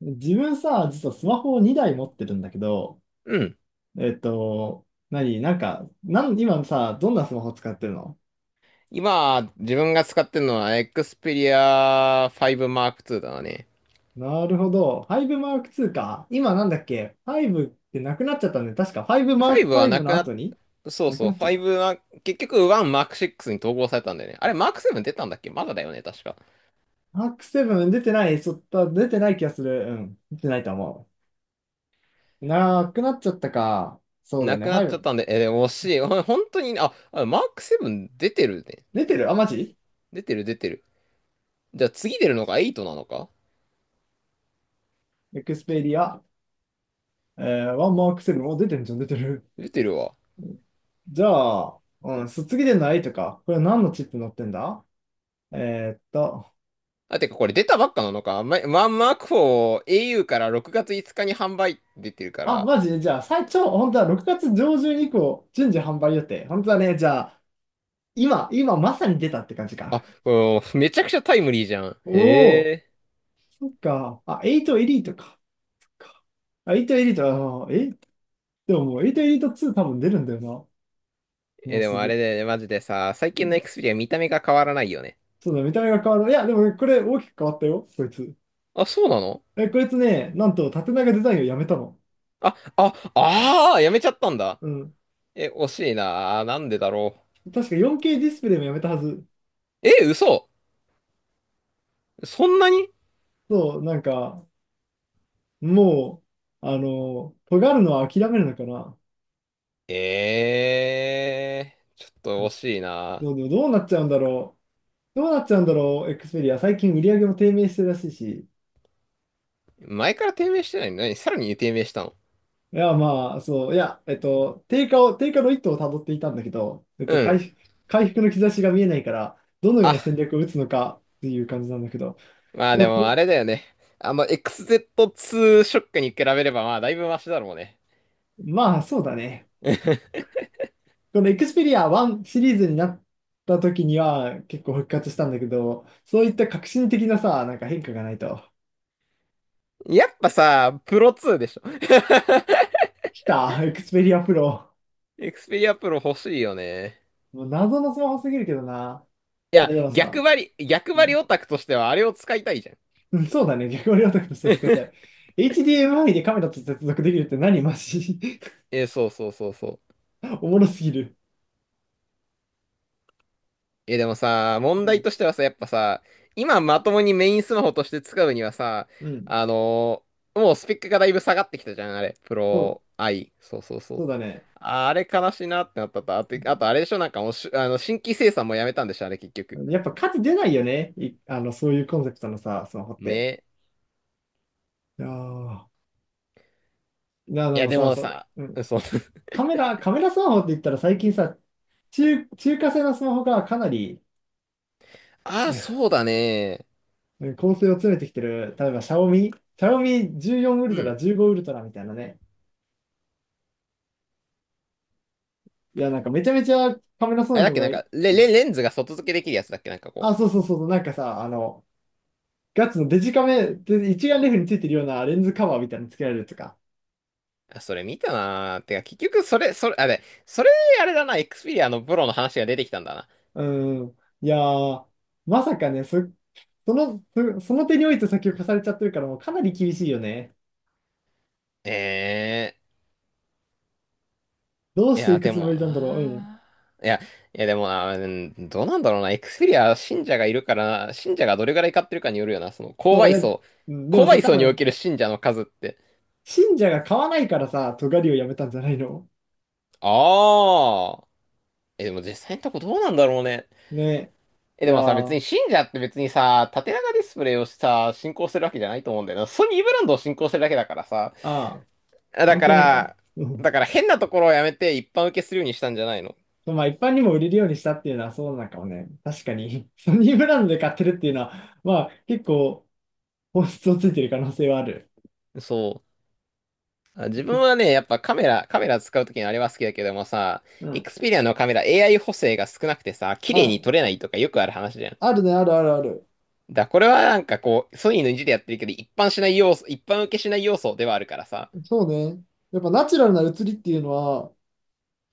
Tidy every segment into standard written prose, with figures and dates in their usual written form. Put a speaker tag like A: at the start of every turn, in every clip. A: 自分さ、実はスマホを2台持ってるんだけど、
B: うん。
A: 何、なんか、なん、今さ、どんなスマホ使ってるの？
B: 今、自分が使ってるのは Xperia 5 Mark II だね。
A: なるほど。5 マークツーか。今なんだっけ？ 5 ってなくなっちゃったんで、確か5 フ
B: 5
A: ァ
B: は
A: イブ
B: な
A: の
B: くなっ、
A: 後に
B: そう
A: なく
B: そう、
A: なっちゃった。
B: 5は、結局1 Mark VI に統合されたんだよね。あれ、Mark VII 出たんだっけ？まだだよね、確か。
A: m ークセブン出てない、そった、出てない気がする。うん。出てないと思う。なくなっちゃったか。そうだよ
B: な
A: ね。
B: く
A: フ
B: な
A: ァ
B: っ
A: イ
B: ちゃっ
A: ブ。
B: たんで、でも惜しい。本当に、Mark VII 出てるね。
A: 出てる。あ、マジ？
B: 出てる、出てる。じゃあ次出るのが8なのか？
A: エクスペリア。えー、1 マークセブンお出てるじゃん、出てる。
B: 出てるわ。
A: じゃあ、うん、卒業でのいとか、これ何のチップ載ってんだ？えーっと、
B: あ、てかこれ出たばっかなのか？ま、1 Mark IV au から6月5日に販売出てるか
A: あ、
B: ら。
A: マジで。じゃあ、最長、本当は6月上旬以降、順次販売予定。本当はね、じゃあ、今まさに出たって感じ
B: あ、
A: か。
B: もう、めちゃくちゃタイムリーじゃん。へ
A: おお、
B: え。
A: そっか。あ、8エリートか。あ、8エリート、でももう8エリート2多分出るんだよな。もう
B: で
A: す
B: もあ
A: ぐ。
B: れだよね、マジでさ、最近の Xperia 見た目が変わらないよね。
A: そうだ、見た目が変わる。いや、でもこれ大きく変わったよ、こいつ。
B: あ、そうなの？
A: え、こいつね、なんと縦長デザインをやめたの。
B: やめちゃったんだ。
A: うん。
B: 惜しいな。なんでだろ
A: 確か 4K ディスプレイもやめたはず。
B: う。嘘。そんなに？
A: そう、なんか、もう、尖るのは諦めるのかな。
B: ええー、ちょっと惜しいな。
A: そう、でもどうなっちゃうんだろう。どうなっちゃうんだろう、エクスペリア。最近売り上げも低迷してるらしいし。
B: 前から低迷してないのに、さらに低迷したの？
A: いや、まあ、そう、いや、低下の一途をたどっていたんだけど、
B: うん。
A: 回復の兆しが見えないから、どのような戦
B: あ、
A: 略を打つのかっていう感じなんだけど、
B: まあ
A: で
B: で
A: も
B: も
A: と
B: あれだよね。あの XZ2 ショックに比べればまあだいぶマシだろうね。
A: まあ、そうだね。このエクスペリア1シリーズになった時には結構復活したんだけど、そういった革新的なさ、なんか変化がないと。
B: やっぱさ、プロ2でしょ。
A: 来た、エクスペリアプロ。
B: エクスペリアプロ欲しいよね。
A: もう謎のスマホすぎるけどな。
B: い
A: い
B: や、
A: や、でも
B: 逆
A: さ、
B: 張り、逆
A: う
B: 張り
A: ん、
B: オタクとしてはあれを使いたいじゃん。
A: うんそうだね。逆割り男として使いたい。HDMI でカメラと接続できるって何？マジ？
B: そうそうそうそう。
A: おもろすぎる。
B: でもさ、問
A: う
B: 題
A: ん、
B: としてはさ、やっぱさ、今まともにメインスマホとして使うにはさ、
A: うん、
B: もうスペックがだいぶ下がってきたじゃん、あれ。プ
A: そう、
B: ロ i そうそうそ
A: そ
B: う。
A: うだね。
B: あれ悲しいなってなったと。あとあれでしょ、なんかもうしあの、新規生産もやめたんでしょ、あれ結局。
A: やっぱ価値出ないよね。あの、そういうコンセプトのさ、スマホって。
B: ね。
A: いやーな、
B: い
A: で
B: や、
A: も
B: で
A: さ、
B: も
A: そ
B: さ、
A: う、うん、
B: そう。
A: カメラスマホって言ったら最近さ、中華製のスマホがかなり、
B: ああ、そうだね。
A: ね、構成を詰めてきてる、例えば、シャオミ14ウル
B: う
A: トラ、
B: ん。
A: 15ウルトラみたいなね。いや、なんかめちゃめちゃカメラそう
B: あれ
A: な
B: だっ
A: の
B: け、な
A: が
B: ん
A: いい、
B: か、レンズが外付けできるやつだっけ、なんかこ
A: あ、そうそうそうそう、なんかさ、ガッツのデジカメ、で一眼レフについてるようなレンズカバーみたいにつけられるとか。
B: う。あ、それ見たなー。てか、結局、それ、それ、あれ、それ、あれだな、エクスペリアのプロの話が出てきたんだな。
A: うん。いやー、まさかね、その手において先を貸されちゃってるから、もうかなり厳しいよね。
B: え
A: どう
B: い
A: してい
B: や、
A: く
B: で
A: つも
B: も
A: りなんだろう。うん。
B: なー。いや、いや、でもな、うん、どうなんだろうな、エクスペリア信者がいるからな、信者がどれぐらい買ってるかによるよな、その、購
A: そう、い
B: 買
A: や、
B: 層、
A: うん、でも
B: 購
A: さ、
B: 買
A: 多
B: 層にお
A: 分、
B: ける信者の数って。
A: 信者が買わないからさ、尖りをやめたんじゃないの？
B: ああ。でも実際のとこどうなんだろうね。
A: ね。い
B: で
A: や
B: もさ、別
A: ー
B: に信者って別にさ、縦長ディスプレイをさ、信仰するわけじゃないと思うんだよな。ソニーブランドを信仰してるだけだからさ。
A: ああ、
B: だ
A: 関
B: か
A: 係ないか。
B: ら、
A: うん。
B: だから変なところをやめて一般受けするようにしたんじゃないの？
A: まあ、一般にも売れるようにしたっていうのはそうなのかもね。確かに、ソニーブランドで買ってるっていうのは、まあ、結構、本質をついてる可能性はある。
B: そう。あ、自分はね、やっぱカメラ使うときにあれは好きだけどもさ、
A: うん。
B: Xperia のカメラ AI 補正が少なくてさ、綺
A: ま
B: 麗
A: あ、
B: に撮れないとかよくある話じゃん。
A: あるね、あるあるある。
B: これはなんかこう、ソニーの意地でやってるけど、一般しない要素、一般受けしない要素ではあるからさ。
A: そうね。やっぱナチュラルな写りっていうのは、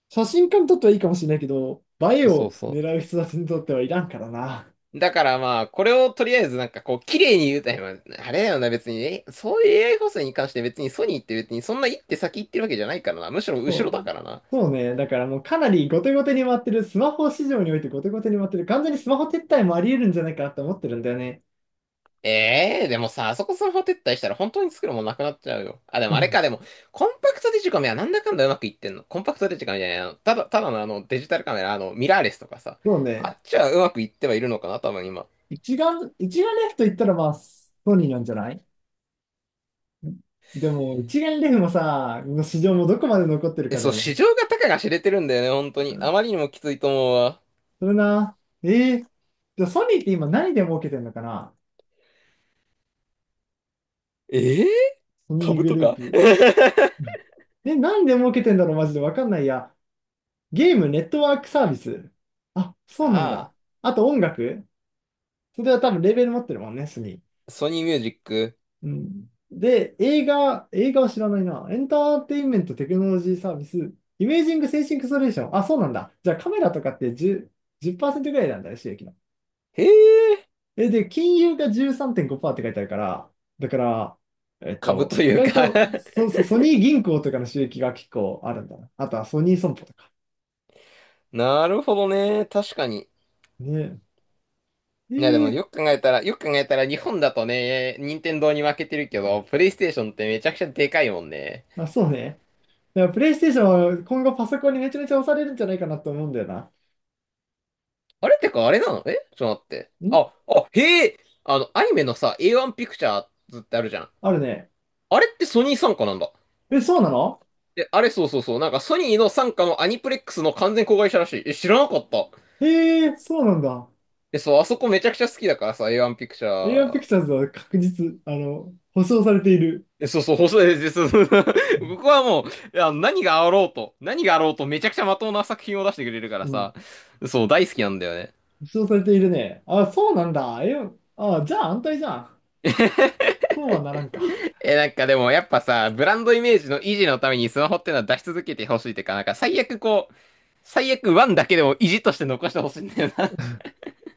A: 写真家にとってはいいかもしれないけど、映え
B: そう
A: を
B: そう。
A: 狙う人たちにとってはいらんからな。
B: だからまあ、これをとりあえずなんかこう、綺麗に言うたら、まああれだよな、別に、そういう AI 補正に関して別にソニーって別にそんな一手先行ってるわけじゃないからな。むしろ後ろ
A: そ
B: だ
A: う。
B: からな。
A: そうね。だからもうかなり後手後手に回ってる、スマホ市場において後手後手に回ってる、完全にスマホ撤退もあり得るんじゃないかなと思ってるんだよね。
B: ええーでもさ、あそこスマホ撤退したら本当に作るもんなくなっちゃうよ。あ、で
A: う
B: もあれ
A: ん
B: か、でも、コンパクトデジカメはなんだかんだうまくいってんの？コンパクトデジカメじゃない、ただのデジタルカメラ、ミラーレスとかさ。
A: そう
B: あ
A: ね。
B: っちはうまくいってはいるのかな、多分今。
A: 一眼レフと言ったらまあ、ソニーなんじゃない？でも、一眼レフもさ、の市場もどこまで残ってるかだ
B: そう、
A: よ
B: 市
A: ね。
B: 場が高が知れてるんだよね、本当
A: う
B: に。あ
A: ん。
B: まりにもきついと思うわ。
A: それな。えー、じゃあソニーって今何で儲けてんのかな？
B: ええー
A: ソニー
B: 株
A: グ
B: と
A: ルー
B: か
A: プ。うんで、何で儲けてんだろうマジでわかんないや。ゲーム、ネットワークサービス。あ、そうなん
B: ああ。
A: だ。あと音楽。それは多分レーベル持ってるもんね、ソニー。
B: ソニーミュージック。
A: うん。で、映画は知らないな。エンターテインメントテクノロジーサービス、イメージングセンシングソリューション。あ、そうなんだ。じゃあカメラとかって10、じゅっパーセントぐらいなんだよ、収益の。
B: へえ、
A: え、で、金融が13.5%って書いてあるから、だから、
B: 株と
A: 意
B: いう
A: 外
B: か
A: と、そうそう、ソニー銀行とかの収益が結構あるんだな。あとはソニー損保とか。
B: なるほどね。確かに。
A: ね
B: いやでも
A: え。え
B: よ
A: え
B: く考えたら、よく考えたら日本だとね、任天堂に負けてるけど、プレイステーションってめちゃくちゃでかいもんね。
A: あ、そうね。だからプレイステーションは今後パソコンにめちゃめちゃ押されるんじゃないかなと思うんだよな。
B: あれってかあれなの？ちょっと待って。
A: ん
B: へえ、アニメのさ、A1 ピクチャーズってあるじゃん。
A: あるね。
B: あれってソニー傘下なんだ？
A: え、そうなの？
B: あれそうそうそう。なんかソニーの傘下のアニプレックスの完全子会社らしい。知らなかった。
A: ええそうなんだ。
B: そう、あそこめちゃくちゃ好きだからさ、A1 ピクチャ
A: エアーピク
B: ー。
A: チャーズは確実、保証されている。
B: そうそう、細いです。僕はもう、いや何があろうと、何があろうとめちゃくちゃまともな作品を出してくれるか
A: う
B: ら
A: ん。
B: さ、そう、大好きなんだよね。
A: 保証されているね。あ、そうなんだ。え、あ、じゃあ安泰じゃん。そうはならんか。
B: なんかでもやっぱさ、ブランドイメージの維持のためにスマホってのは出し続けてほしいっていうか、なんか最悪こう、最悪ワンだけでも維持として残してほしいんだよ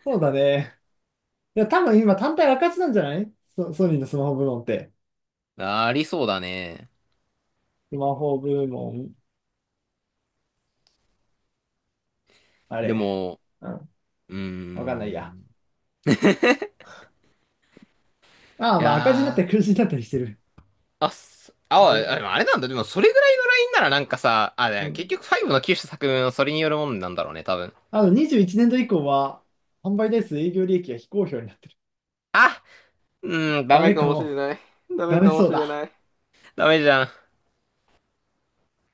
A: そうだね。いや、多分今単体赤字なんじゃない？ソニーのスマホ部門って。
B: な。ありそうだね。
A: スマホ部門、あ
B: で
A: れ。
B: も、
A: うん。
B: うー
A: わかんないや。
B: ん。
A: ああ、
B: い
A: まあ赤字になった
B: や
A: り黒
B: ー、
A: 字になったりしてる。
B: あ、すあ、あ
A: え
B: でもあれなんだ。でもそれぐらいならなんかさ、あ、
A: う
B: でも結
A: ん。
B: 局5の9種作目のそれによるもんなんだろうね、多分。
A: あの、21年度以降は、販売台数営業利益が非公表になってる。
B: あうん、ダ
A: ダ
B: メ
A: メ
B: か
A: か
B: もし
A: も。
B: れない。ダ
A: ダ
B: メ
A: メ
B: かも
A: そう
B: しれ
A: だ。
B: ない。ダメじゃん。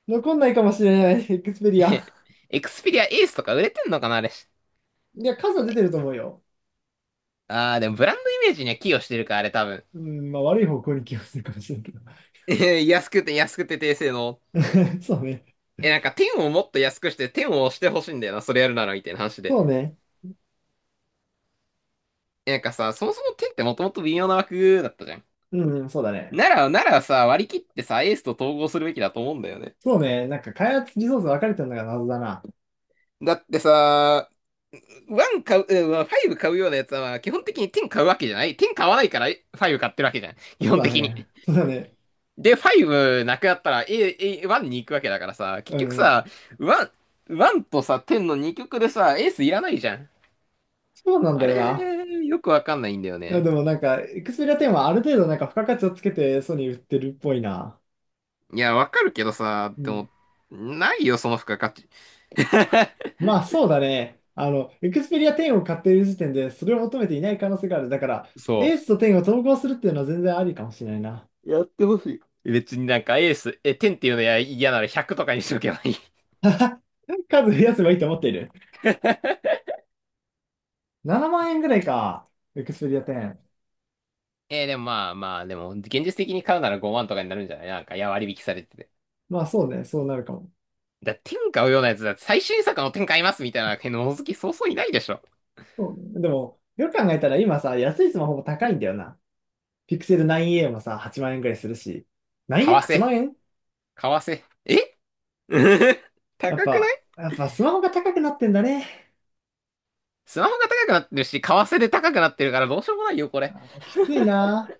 A: 残んないかもしれない。エクスペリア。
B: エクスペリアエースとか売れてんのかな、あれ？
A: いや、数は出てると思うよ。
B: あー、でもブランドイメージには寄与してるか、あれ多分。
A: うん、まあ悪い方向に気がするかもしれんけど。
B: 安くて安くて低性能。
A: そうね。
B: なんか天をもっと安くして天を押してほしいんだよな、それやるならみたいな話で。
A: そうね。
B: なんかさ、そもそも天ってもともと微妙な枠だったじゃん。
A: うん、そうだね。
B: ならさ、割り切ってさ、エースと統合するべきだと思うんだよね。
A: そうね。なんか開発リソース分かれてるのが謎だな。
B: だってさ、1買う、うんまあ5買うようなやつは、まあ基本的に10買うわけじゃない。10買わないから5買ってるわけじゃん。基
A: そう
B: 本
A: だ
B: 的
A: ね。
B: に。
A: そうだね。
B: で、5なくなったら 1に行くわけだからさ、結
A: う
B: 局
A: ん。
B: さ、1、ワンとさ、10の2曲でさ、エースいらないじゃん。
A: そうなんだ
B: あ
A: よ
B: れ、
A: な。
B: よくわかんないんだよ
A: いや、
B: ね。
A: でもなんか、エクスペリア10はある程度なんか付加価値をつけてソニー売ってるっぽいな。
B: いや、わかるけどさ、
A: う
B: で
A: ん。
B: も、ないよ、その付加価値。
A: まあそうだね。あの、エクスペリア10を買っている時点でそれを求めていない可能性がある。だから、エ
B: そ
A: ースと10を統合するっていうのは全然ありかもしれないな。
B: やってほしい。う。別になんかエース、10っていうのや嫌なら100とかにしとけばいい。
A: 数増やせばいいと思っている。7万円ぐらいか。エクスペリア10。
B: でもまあまあ、でも、現実的に買うなら5万とかになるんじゃないなんか、いや、割引されてて。
A: まあそうね、そうなるかも。
B: だ、天買うようなやつだって、最新作の天買いますみたいな、のの好きそうそういないでしょ。
A: そうねでも、よく考えたら今さ、安いスマホも高いんだよな。ピクセル 9A もさ、8万円ぐらいするし。
B: 為
A: 9A8 万
B: 替。
A: 円
B: 為替。高くない？
A: やっぱスマホが高くなってんだね。
B: スマホが高くなってるし、為替で高くなってるからどうしようもないよ、これ。
A: きついな。